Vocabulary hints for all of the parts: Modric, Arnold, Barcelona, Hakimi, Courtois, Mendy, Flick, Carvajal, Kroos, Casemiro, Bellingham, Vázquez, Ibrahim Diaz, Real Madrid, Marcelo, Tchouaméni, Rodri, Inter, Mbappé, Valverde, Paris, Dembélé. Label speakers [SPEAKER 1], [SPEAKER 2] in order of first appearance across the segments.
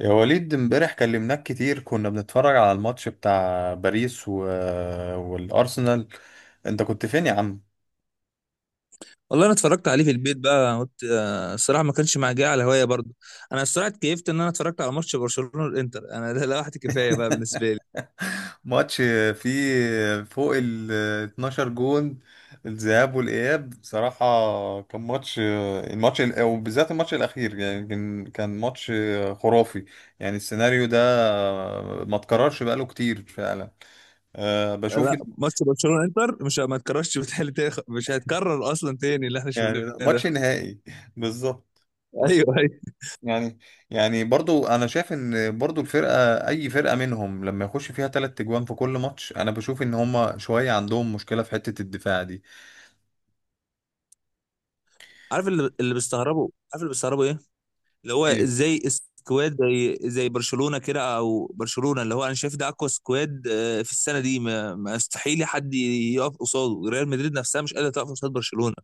[SPEAKER 1] يا وليد امبارح كلمناك كتير، كنا بنتفرج على الماتش بتاع باريس والأرسنال. انت كنت فين يا عم؟
[SPEAKER 2] والله انا اتفرجت عليه في البيت بقى قلت الصراحه ما كانش معايا على هوايه برضه. انا الصراحه اتكيفت ان انا اتفرجت على ماتش برشلونه الانتر، انا ده لوحدي كفايه بقى بالنسبه لي.
[SPEAKER 1] ماتش فيه فوق ال 12 جون. الذهاب والإياب بصراحة كان ماتش. الماتش ال- وبالذات الماتش الأخير يعني كان ماتش خرافي. يعني السيناريو ده ما اتكررش بقاله كتير فعلا. أه بشوف.
[SPEAKER 2] لا، ماتش برشلونه الانتر مش ما اتكررش، بتهيألي مش هيتكرر اصلا تاني اللي احنا
[SPEAKER 1] يعني
[SPEAKER 2] شفناه ده.
[SPEAKER 1] ماتش نهائي بالظبط.
[SPEAKER 2] ايوه ايوه.
[SPEAKER 1] يعني، يعني برضو انا شايف ان برضو الفرقه، اي فرقه منهم لما يخش فيها تلات تجوان في كل ماتش، انا بشوف ان هما شويه عندهم مشكله في حته الدفاع دي.
[SPEAKER 2] عارف اللي بيستغربوا، عارف اللي بيستغربوا ايه؟ اللي هو
[SPEAKER 1] ايه؟
[SPEAKER 2] ازاي سكواد زي برشلونه كده، او برشلونه اللي هو انا شايف ده اقوى سكواد في السنه دي. ما يستحيل حد يقف قصاده، ريال مدريد نفسها مش قادره تقف قصاد برشلونه.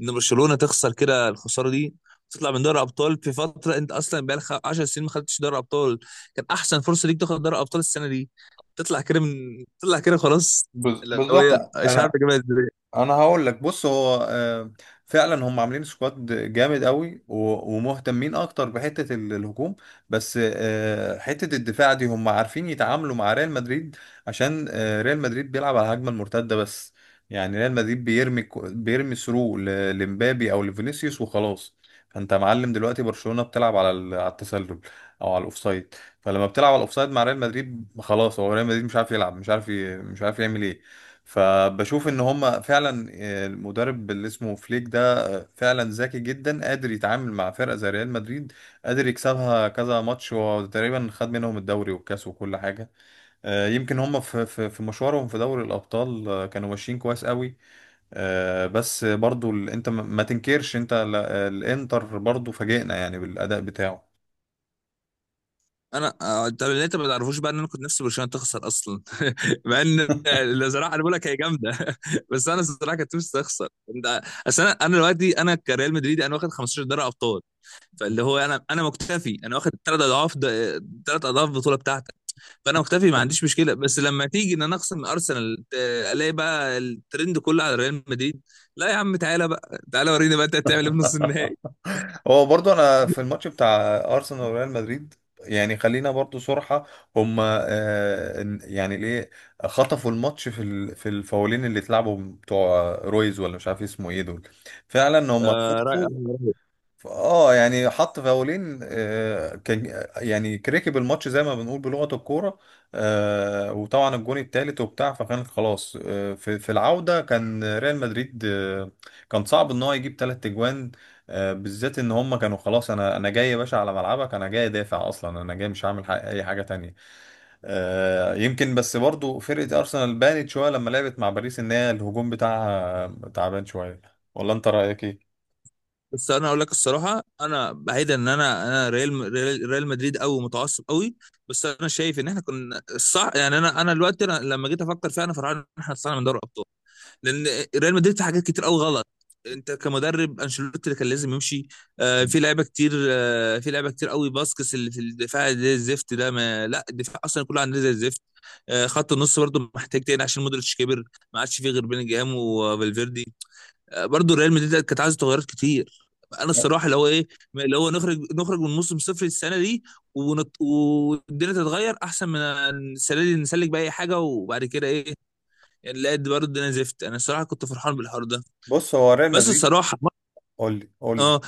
[SPEAKER 2] ان برشلونه تخسر كده الخساره دي، تطلع من دوري ابطال في فتره انت اصلا بقالك 10 سنين ما خدتش دوري ابطال. كان احسن فرصه ليك تاخد دوري ابطال السنه دي، تطلع كده خلاص. اللي هو
[SPEAKER 1] بالظبط.
[SPEAKER 2] إيه، مش عارف
[SPEAKER 1] انا
[SPEAKER 2] اجيبها ازاي.
[SPEAKER 1] انا هقول لك. بص، هو فعلا هم عاملين سكواد جامد قوي و- ومهتمين اكتر بحته الهجوم. بس حته الدفاع دي هم عارفين يتعاملوا مع ريال مدريد. عشان ريال مدريد بيلعب على الهجمه المرتده بس. يعني ريال مدريد بيرمي ثرو لمبابي او لفينيسيوس وخلاص. فانت يا معلم دلوقتي برشلونه بتلعب على التسلل او على الاوفسايد. فلما بتلعب على الاوفسايد مع ريال مدريد خلاص، هو ريال مدريد مش عارف يلعب، مش عارف مش عارف يعمل ايه. فبشوف ان هم فعلا، المدرب اللي اسمه فليك ده فعلا ذكي جدا، قادر يتعامل مع فرقه زي ريال مدريد. قادر يكسبها كذا ماتش، وتقريبا خد منهم الدوري والكاس وكل حاجه. يمكن هم في مشوارهم في دوري الابطال كانوا ماشيين كويس قوي. بس برضو انت ما تنكرش، انت الانتر برضو فاجئنا يعني بالاداء بتاعه.
[SPEAKER 2] انا طب اللي انت ما تعرفوش بقى ان انا كنت نفسي برشلونه تخسر اصلا، مع ان اللي زراعه انا بقول لك هي جامده. بس انا الصراحه كنت نفسي تخسر. انت اصل انا دلوقتي كريال مدريدي انا واخد 15 دوري ابطال. فاللي هو انا مكتفي، انا واخد ثلاث اضعاف، ثلاث اضعاف البطوله بتاعتك. فانا مكتفي ما عنديش مشكله، بس لما تيجي ان انا اخسر من ارسنال الاقي بقى الترند كله على ريال مدريد. لا يا عم، تعالى بقى، تعالى وريني بقى انت هتعمل ايه في نص النهائي.
[SPEAKER 1] هو برضو انا في الماتش بتاع ارسنال وريال مدريد، يعني خلينا برضو صراحة، هم يعني ليه خطفوا الماتش في الفاولين اللي اتلعبوا بتوع رويز، ولا مش عارف اسمه ايه دول. فعلا هم
[SPEAKER 2] آه رأي،
[SPEAKER 1] خطفوا.
[SPEAKER 2] رأي.
[SPEAKER 1] اه يعني حط فاولين، كان يعني كركب الماتش زي ما بنقول بلغة الكورة. وطبعا الجون التالت وبتاع، فكان خلاص. في العودة كان ريال مدريد، كان صعب ان هو يجيب تلات اجوان. بالذات ان هم كانوا خلاص، انا جاي يا باشا على ملعبك، انا جاي دافع اصلا، انا جاي مش هعمل اي حاجة تانية. يمكن بس برضو فرقة ارسنال بانت شوية لما لعبت مع باريس ان هي الهجوم بتاعها تعبان شوية. ولا انت رأيك ايه؟
[SPEAKER 2] بس انا اقول لك الصراحه انا بعيدا ان انا انا ريال ريال مدريد قوي، متعصب قوي. بس انا شايف ان احنا كنا الصح، يعني انا دلوقتي أنا لما جيت افكر فيها انا فرحان ان احنا طلعنا من دوري الابطال. لان ريال مدريد في حاجات كتير قوي غلط. انت كمدرب، انشيلوتي اللي كان لازم يمشي. في لعيبه كتير، في لعيبه كتير قوي، باسكس اللي في الدفاع زي الزفت ده، ما لا الدفاع اصلا كله عندنا زي الزفت. خط النص برضه محتاج تاني عشان مودريتش كبر، ما عادش فيه غير بيلينجهام وفالفيردي. برضه ريال مدريد كانت عايزه تغيرات كتير. انا الصراحه اللي هو ايه، اللي هو نخرج من موسم صفر السنه دي، ونط... والدنيا تتغير احسن من السنه دي، نسلك باي حاجه وبعد كده ايه. يعني لا، دي برضه انا زفت، انا الصراحه كنت فرحان بالحوار ده.
[SPEAKER 1] بص، هو ريال
[SPEAKER 2] بس
[SPEAKER 1] مدريد.
[SPEAKER 2] الصراحه
[SPEAKER 1] قول لي، قول لي.
[SPEAKER 2] اه،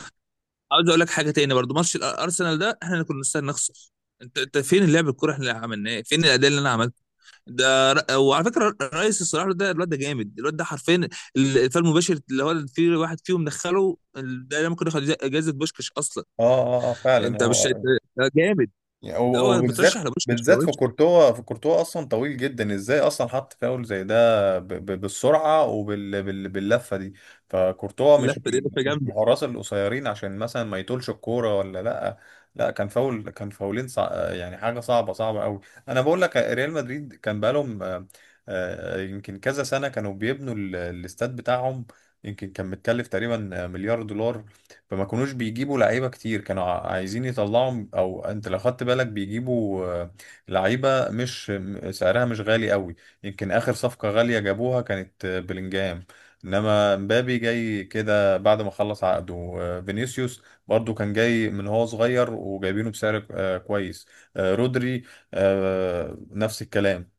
[SPEAKER 2] عاوز اقول لك حاجه تاني برضه. ماتش الارسنال ده احنا اللي كنا نستاهل نخسر. انت فين اللعب، الكوره احنا اللي عملناه فين، الاداء اللي انا عملته ده وعلى فكره رئيس الصراحه، ده الواد ده جامد، الواد ده حرفيا الفال المباشر اللي هو في واحد فيهم دخله ده ممكن ياخد جائزه بوشكش اصلا.
[SPEAKER 1] اه. اه، فعلا
[SPEAKER 2] انت مش انت-
[SPEAKER 1] هو
[SPEAKER 2] ده جامد،
[SPEAKER 1] يعني
[SPEAKER 2] ده
[SPEAKER 1] هو-
[SPEAKER 2] هو
[SPEAKER 1] وبالذات،
[SPEAKER 2] مترشح لبوشكش ده
[SPEAKER 1] بالذات
[SPEAKER 2] وش.
[SPEAKER 1] في كورتوا. في كورتوا اصلا طويل جدا، ازاي اصلا حط فاول زي ده بالسرعه وباللفه دي. فكورتوا
[SPEAKER 2] لا ده لفه
[SPEAKER 1] مش من
[SPEAKER 2] جامده.
[SPEAKER 1] الحراس القصيرين عشان مثلا ما يطولش الكوره ولا لا. لا كان فاول، كان فاولين يعني حاجه صعبه قوي. انا بقول لك ريال مدريد كان بقالهم يمكن كذا سنه كانوا بيبنوا الاستاد بتاعهم. يمكن كان متكلف تقريبا مليار دولار. فما كانوش بيجيبوا لعيبه كتير، كانوا عايزين يطلعوا، او انت لو خدت بالك بيجيبوا لعيبه مش م- سعرها مش غالي قوي. يمكن اخر صفقه غاليه جابوها كانت بلينجهام. انما مبابي جاي كده بعد ما خلص عقده. فينيسيوس برضو كان جاي من هو صغير وجايبينه بسعر كويس. رودري نفس الكلام.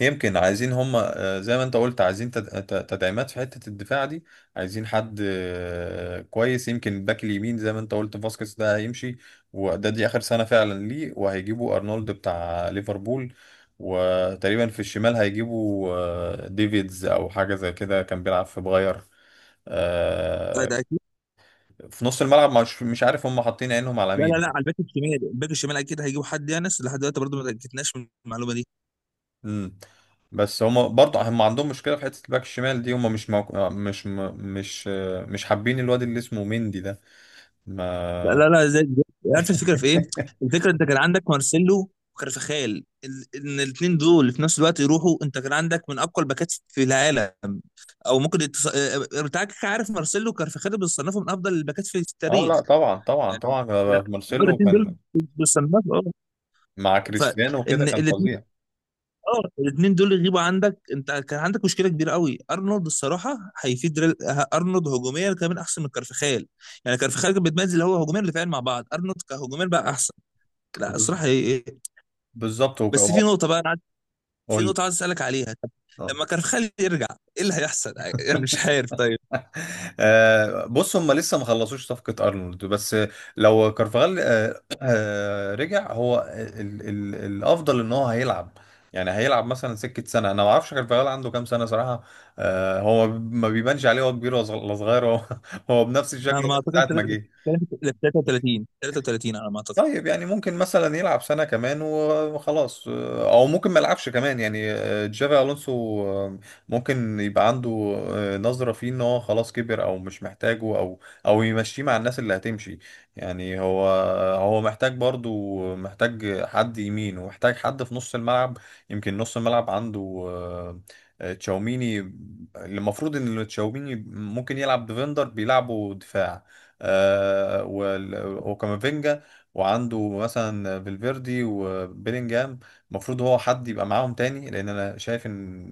[SPEAKER 1] يمكن عايزين هم زي ما انت قلت عايزين تدعيمات في حتة الدفاع دي. عايزين حد كويس. يمكن الباك اليمين زي ما انت قلت فاسكيز ده هيمشي، وده دي اخر سنة فعلا ليه، وهيجيبوا ارنولد بتاع ليفربول. وتقريبا في الشمال هيجيبوا ديفيدز او حاجة زي كده، كان بيلعب في بغير.
[SPEAKER 2] ده
[SPEAKER 1] آه،
[SPEAKER 2] ده اكيد.
[SPEAKER 1] في نص الملعب مش عارف هم حاطين عينهم على
[SPEAKER 2] لا، على
[SPEAKER 1] مين.
[SPEAKER 2] الباك الشمال، الباك الشمال اكيد هيجيبوا حد، يعني لحد دلوقتي برضه ما اتاكدناش من المعلومه دي.
[SPEAKER 1] امم بس هما برضه هم عندهم مشكله في حته الباك الشمال دي. هما مش موك... آه، مش م... مش آه، مش حابين الواد اللي اسمه مندي ده.
[SPEAKER 2] لا
[SPEAKER 1] ما
[SPEAKER 2] لا لا عارف الفكره في ايه؟ الفكره انت كان عندك مارسيلو وكارفخال ان الاثنين دول في نفس الوقت يروحوا، انت كان عندك من اقوى الباكات في العالم. او ممكن التص... بتاعك عارف، مارسيلو وكارفخال بيصنفوا من افضل الباكات في
[SPEAKER 1] اه، لا
[SPEAKER 2] التاريخ.
[SPEAKER 1] طبعا طبعا
[SPEAKER 2] يعني
[SPEAKER 1] طبعا
[SPEAKER 2] لا،
[SPEAKER 1] مارسيلو
[SPEAKER 2] الاثنين دول
[SPEAKER 1] كان
[SPEAKER 2] بيصنفوا اه.
[SPEAKER 1] مع كريستيانو وكده
[SPEAKER 2] فان
[SPEAKER 1] كان
[SPEAKER 2] الاثنين
[SPEAKER 1] فظيع.
[SPEAKER 2] اه، الاثنين دول يغيبوا عندك، انت كان عندك مشكله كبيره قوي. ارنولد الصراحه هيفيد ريال... ارنولد هجوميا كمان احسن من كارفخال. يعني كارفخال كان بيتميز اللي هو هجوميا ودفاعيا مع بعض، ارنولد كهجوميا بقى احسن. لا
[SPEAKER 1] بز...
[SPEAKER 2] الصراحه هي...
[SPEAKER 1] بالظبط.
[SPEAKER 2] بس في نقطه بقى في
[SPEAKER 1] قول لي.
[SPEAKER 2] نقطه عايز اسالك عليها. طب
[SPEAKER 1] اه.
[SPEAKER 2] لما كارفخال يرجع، ايه اللي هيحصل؟ يعني مش عارف طيب.
[SPEAKER 1] بص، هم لسه ما خلصوش صفقة أرنولد بس. لو كارفاغال رجع هو ال ال الأفضل إن هو هيلعب. يعني هيلعب مثلا سكة سنة، أنا ما أعرفش كارفاغال عنده كام سنة صراحة. هو ما بيبانش عليه هو كبير ولا صغير هو، هو بنفس
[SPEAKER 2] انا
[SPEAKER 1] الشكل
[SPEAKER 2] على ما
[SPEAKER 1] ده من
[SPEAKER 2] اعتقد
[SPEAKER 1] ساعة ما جه.
[SPEAKER 2] 33، 33 على ما اعتقد.
[SPEAKER 1] طيب يعني ممكن مثلا يلعب سنة كمان وخلاص، او ممكن ما يلعبش كمان يعني. جافي الونسو ممكن يبقى عنده نظرة فيه ان هو خلاص كبر او مش محتاجه، او او يمشيه مع الناس اللي هتمشي. يعني هو، هو محتاج برضو، محتاج حد يمين ومحتاج حد في نص الملعب. يمكن نص الملعب عنده آه، تشاوميني اللي المفروض ان تشاوميني ممكن يلعب ديفندر، بيلعبوا دفاع. وكامافينجا. وعنده مثلا فالفيردي وبيلينجهام. المفروض هو حد يبقى معاهم تاني، لان انا شايف ان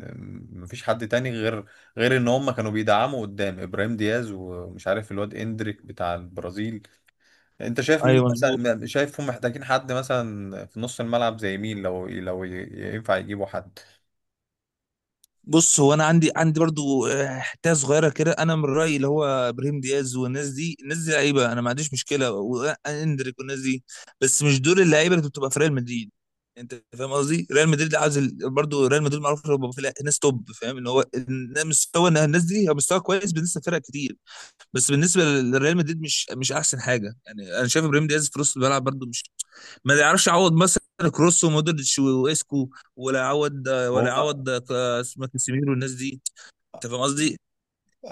[SPEAKER 1] مفيش حد تاني غير، غير ان هم كانوا بيدعموا قدام ابراهيم دياز ومش عارف الواد اندريك بتاع البرازيل. انت شايف مين
[SPEAKER 2] ايوه مظبوط.
[SPEAKER 1] مثلا، شايفهم محتاجين حد مثلا في نص الملعب زي مين لو ينفع يجيبوا حد؟
[SPEAKER 2] بص هو انا عندي برضو حته صغيره كده. انا من رايي اللي هو ابراهيم دياز والناس دي، الناس دي لعيبه انا ما عنديش مشكله، واندريك والناس دي. بس مش دول اللعيبه اللي بتبقى في ريال مدريد. انت فاهم قصدي؟ ريال مدريد عايز برضو ريال مدريد معروف إنه بيبقى فيه ناس توب. فاهم ان هو إن مستوى الناس دي هو مستوى كويس بالنسبه لفرق كتير، بس بالنسبه للريال مدريد مش احسن حاجه. يعني انا شايف ابراهيم دياز في نص الملعب برده مش، ما يعرفش يعوض مثلا كروس ومودريتش واسكو. ولا يعوض،
[SPEAKER 1] هو
[SPEAKER 2] ولا يعوض اسمه كاسيميرو والناس دي. انت فاهم قصدي.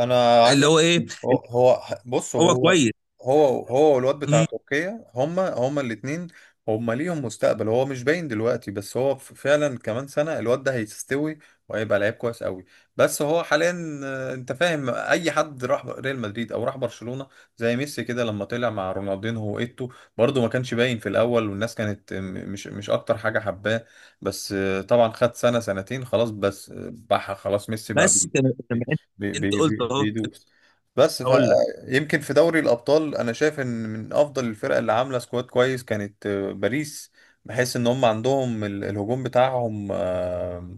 [SPEAKER 1] انا عايز
[SPEAKER 2] اللي هو
[SPEAKER 1] أقول.
[SPEAKER 2] ايه،
[SPEAKER 1] هو هو بص
[SPEAKER 2] هو
[SPEAKER 1] هو،
[SPEAKER 2] كويس.
[SPEAKER 1] هو والواد بتاع
[SPEAKER 2] مم.
[SPEAKER 1] تركيا، هما الاثنين، هما ليهم مستقبل. هو مش باين دلوقتي، بس هو فعلا كمان سنة الواد ده هيستوي وهيبقى لعيب كويس قوي. بس هو حاليا، انت فاهم اي حد راح ريال مدريد او راح برشلونة زي ميسي كده لما طلع مع رونالدينو وايتو، برضه ما كانش باين في الاول والناس كانت مش اكتر حاجة حباه. بس طبعا خد سنة سنتين خلاص، بس بقى خلاص ميسي بقى
[SPEAKER 2] بس
[SPEAKER 1] بي-
[SPEAKER 2] كان كان انت،
[SPEAKER 1] بي
[SPEAKER 2] انت
[SPEAKER 1] بي
[SPEAKER 2] قلت
[SPEAKER 1] بي
[SPEAKER 2] اهو كنت،
[SPEAKER 1] بيدوس. بس
[SPEAKER 2] هقول لك.
[SPEAKER 1] فيمكن في دوري الأبطال أنا شايف إن من أفضل الفرق اللي عاملة سكواد كويس كانت باريس. بحيث إن هم عندهم الهجوم بتاعهم آه،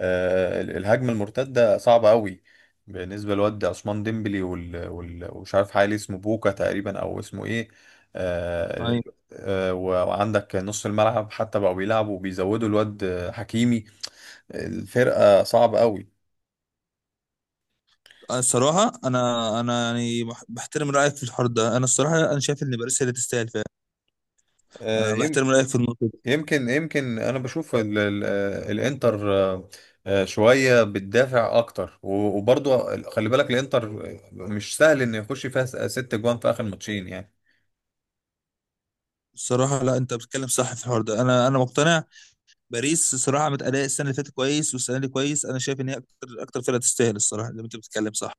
[SPEAKER 1] آه، ال- الهجمة المرتدة صعبة قوي بالنسبة لواد عثمان ديمبلي وال وال- ومش عارف حالي اسمه بوكا تقريبا أو اسمه إيه. آه،
[SPEAKER 2] يعني
[SPEAKER 1] وعندك نص الملعب حتى بقوا بيلعبوا وبيزودوا الواد حكيمي. الفرقة صعبة
[SPEAKER 2] أنا الصراحه انا يعني بحترم رايك في الحوار ده. انا الصراحه انا شايف ان باريس هي اللي تستاهل فعلا. انا
[SPEAKER 1] قوي.
[SPEAKER 2] بحترم رايك في النقطه دي.
[SPEAKER 1] يمكن انا بشوف ال ال الانتر شويه بتدافع اكتر و- وبرضه خلي بالك الانتر مش سهل انه يخش فيها ست جوان في اخر ماتشين يعني.
[SPEAKER 2] الصراحه لا، انت بتتكلم صح في الحوار ده، انا انا مقتنع. باريس الصراحه متأداء السنه اللي فاتت كويس والسنه دي كويس، انا شايف ان هي اكتر، اكتر فرقه تستاهل الصراحه، زي ما انت بتتكلم صح.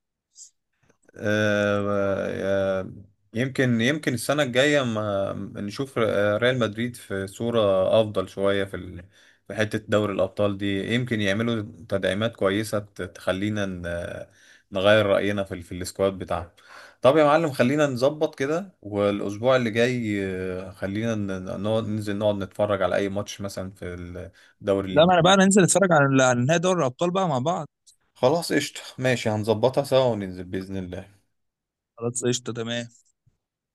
[SPEAKER 1] آه، آه، يمكن السنة الجاية ما نشوف ريال مدريد في صورة أفضل شوية في حتة دوري الأبطال دي. يمكن يعملوا تدعيمات كويسة تخلينا نغير رأينا في السكواد بتاعهم. طب يا معلم، خلينا نظبط كده والأسبوع اللي جاي خلينا ن- نقعد ننزل نقعد نتفرج على أي ماتش مثلا في الدوري
[SPEAKER 2] لا، ما انا بقى
[SPEAKER 1] الإنجليزي.
[SPEAKER 2] ننزل نتفرج على نهائي دوري الابطال بقى مع بعض.
[SPEAKER 1] خلاص قشطة، ماشي، هنظبطها سوا وننزل بإذن الله.
[SPEAKER 2] خلاص قشطه تمام.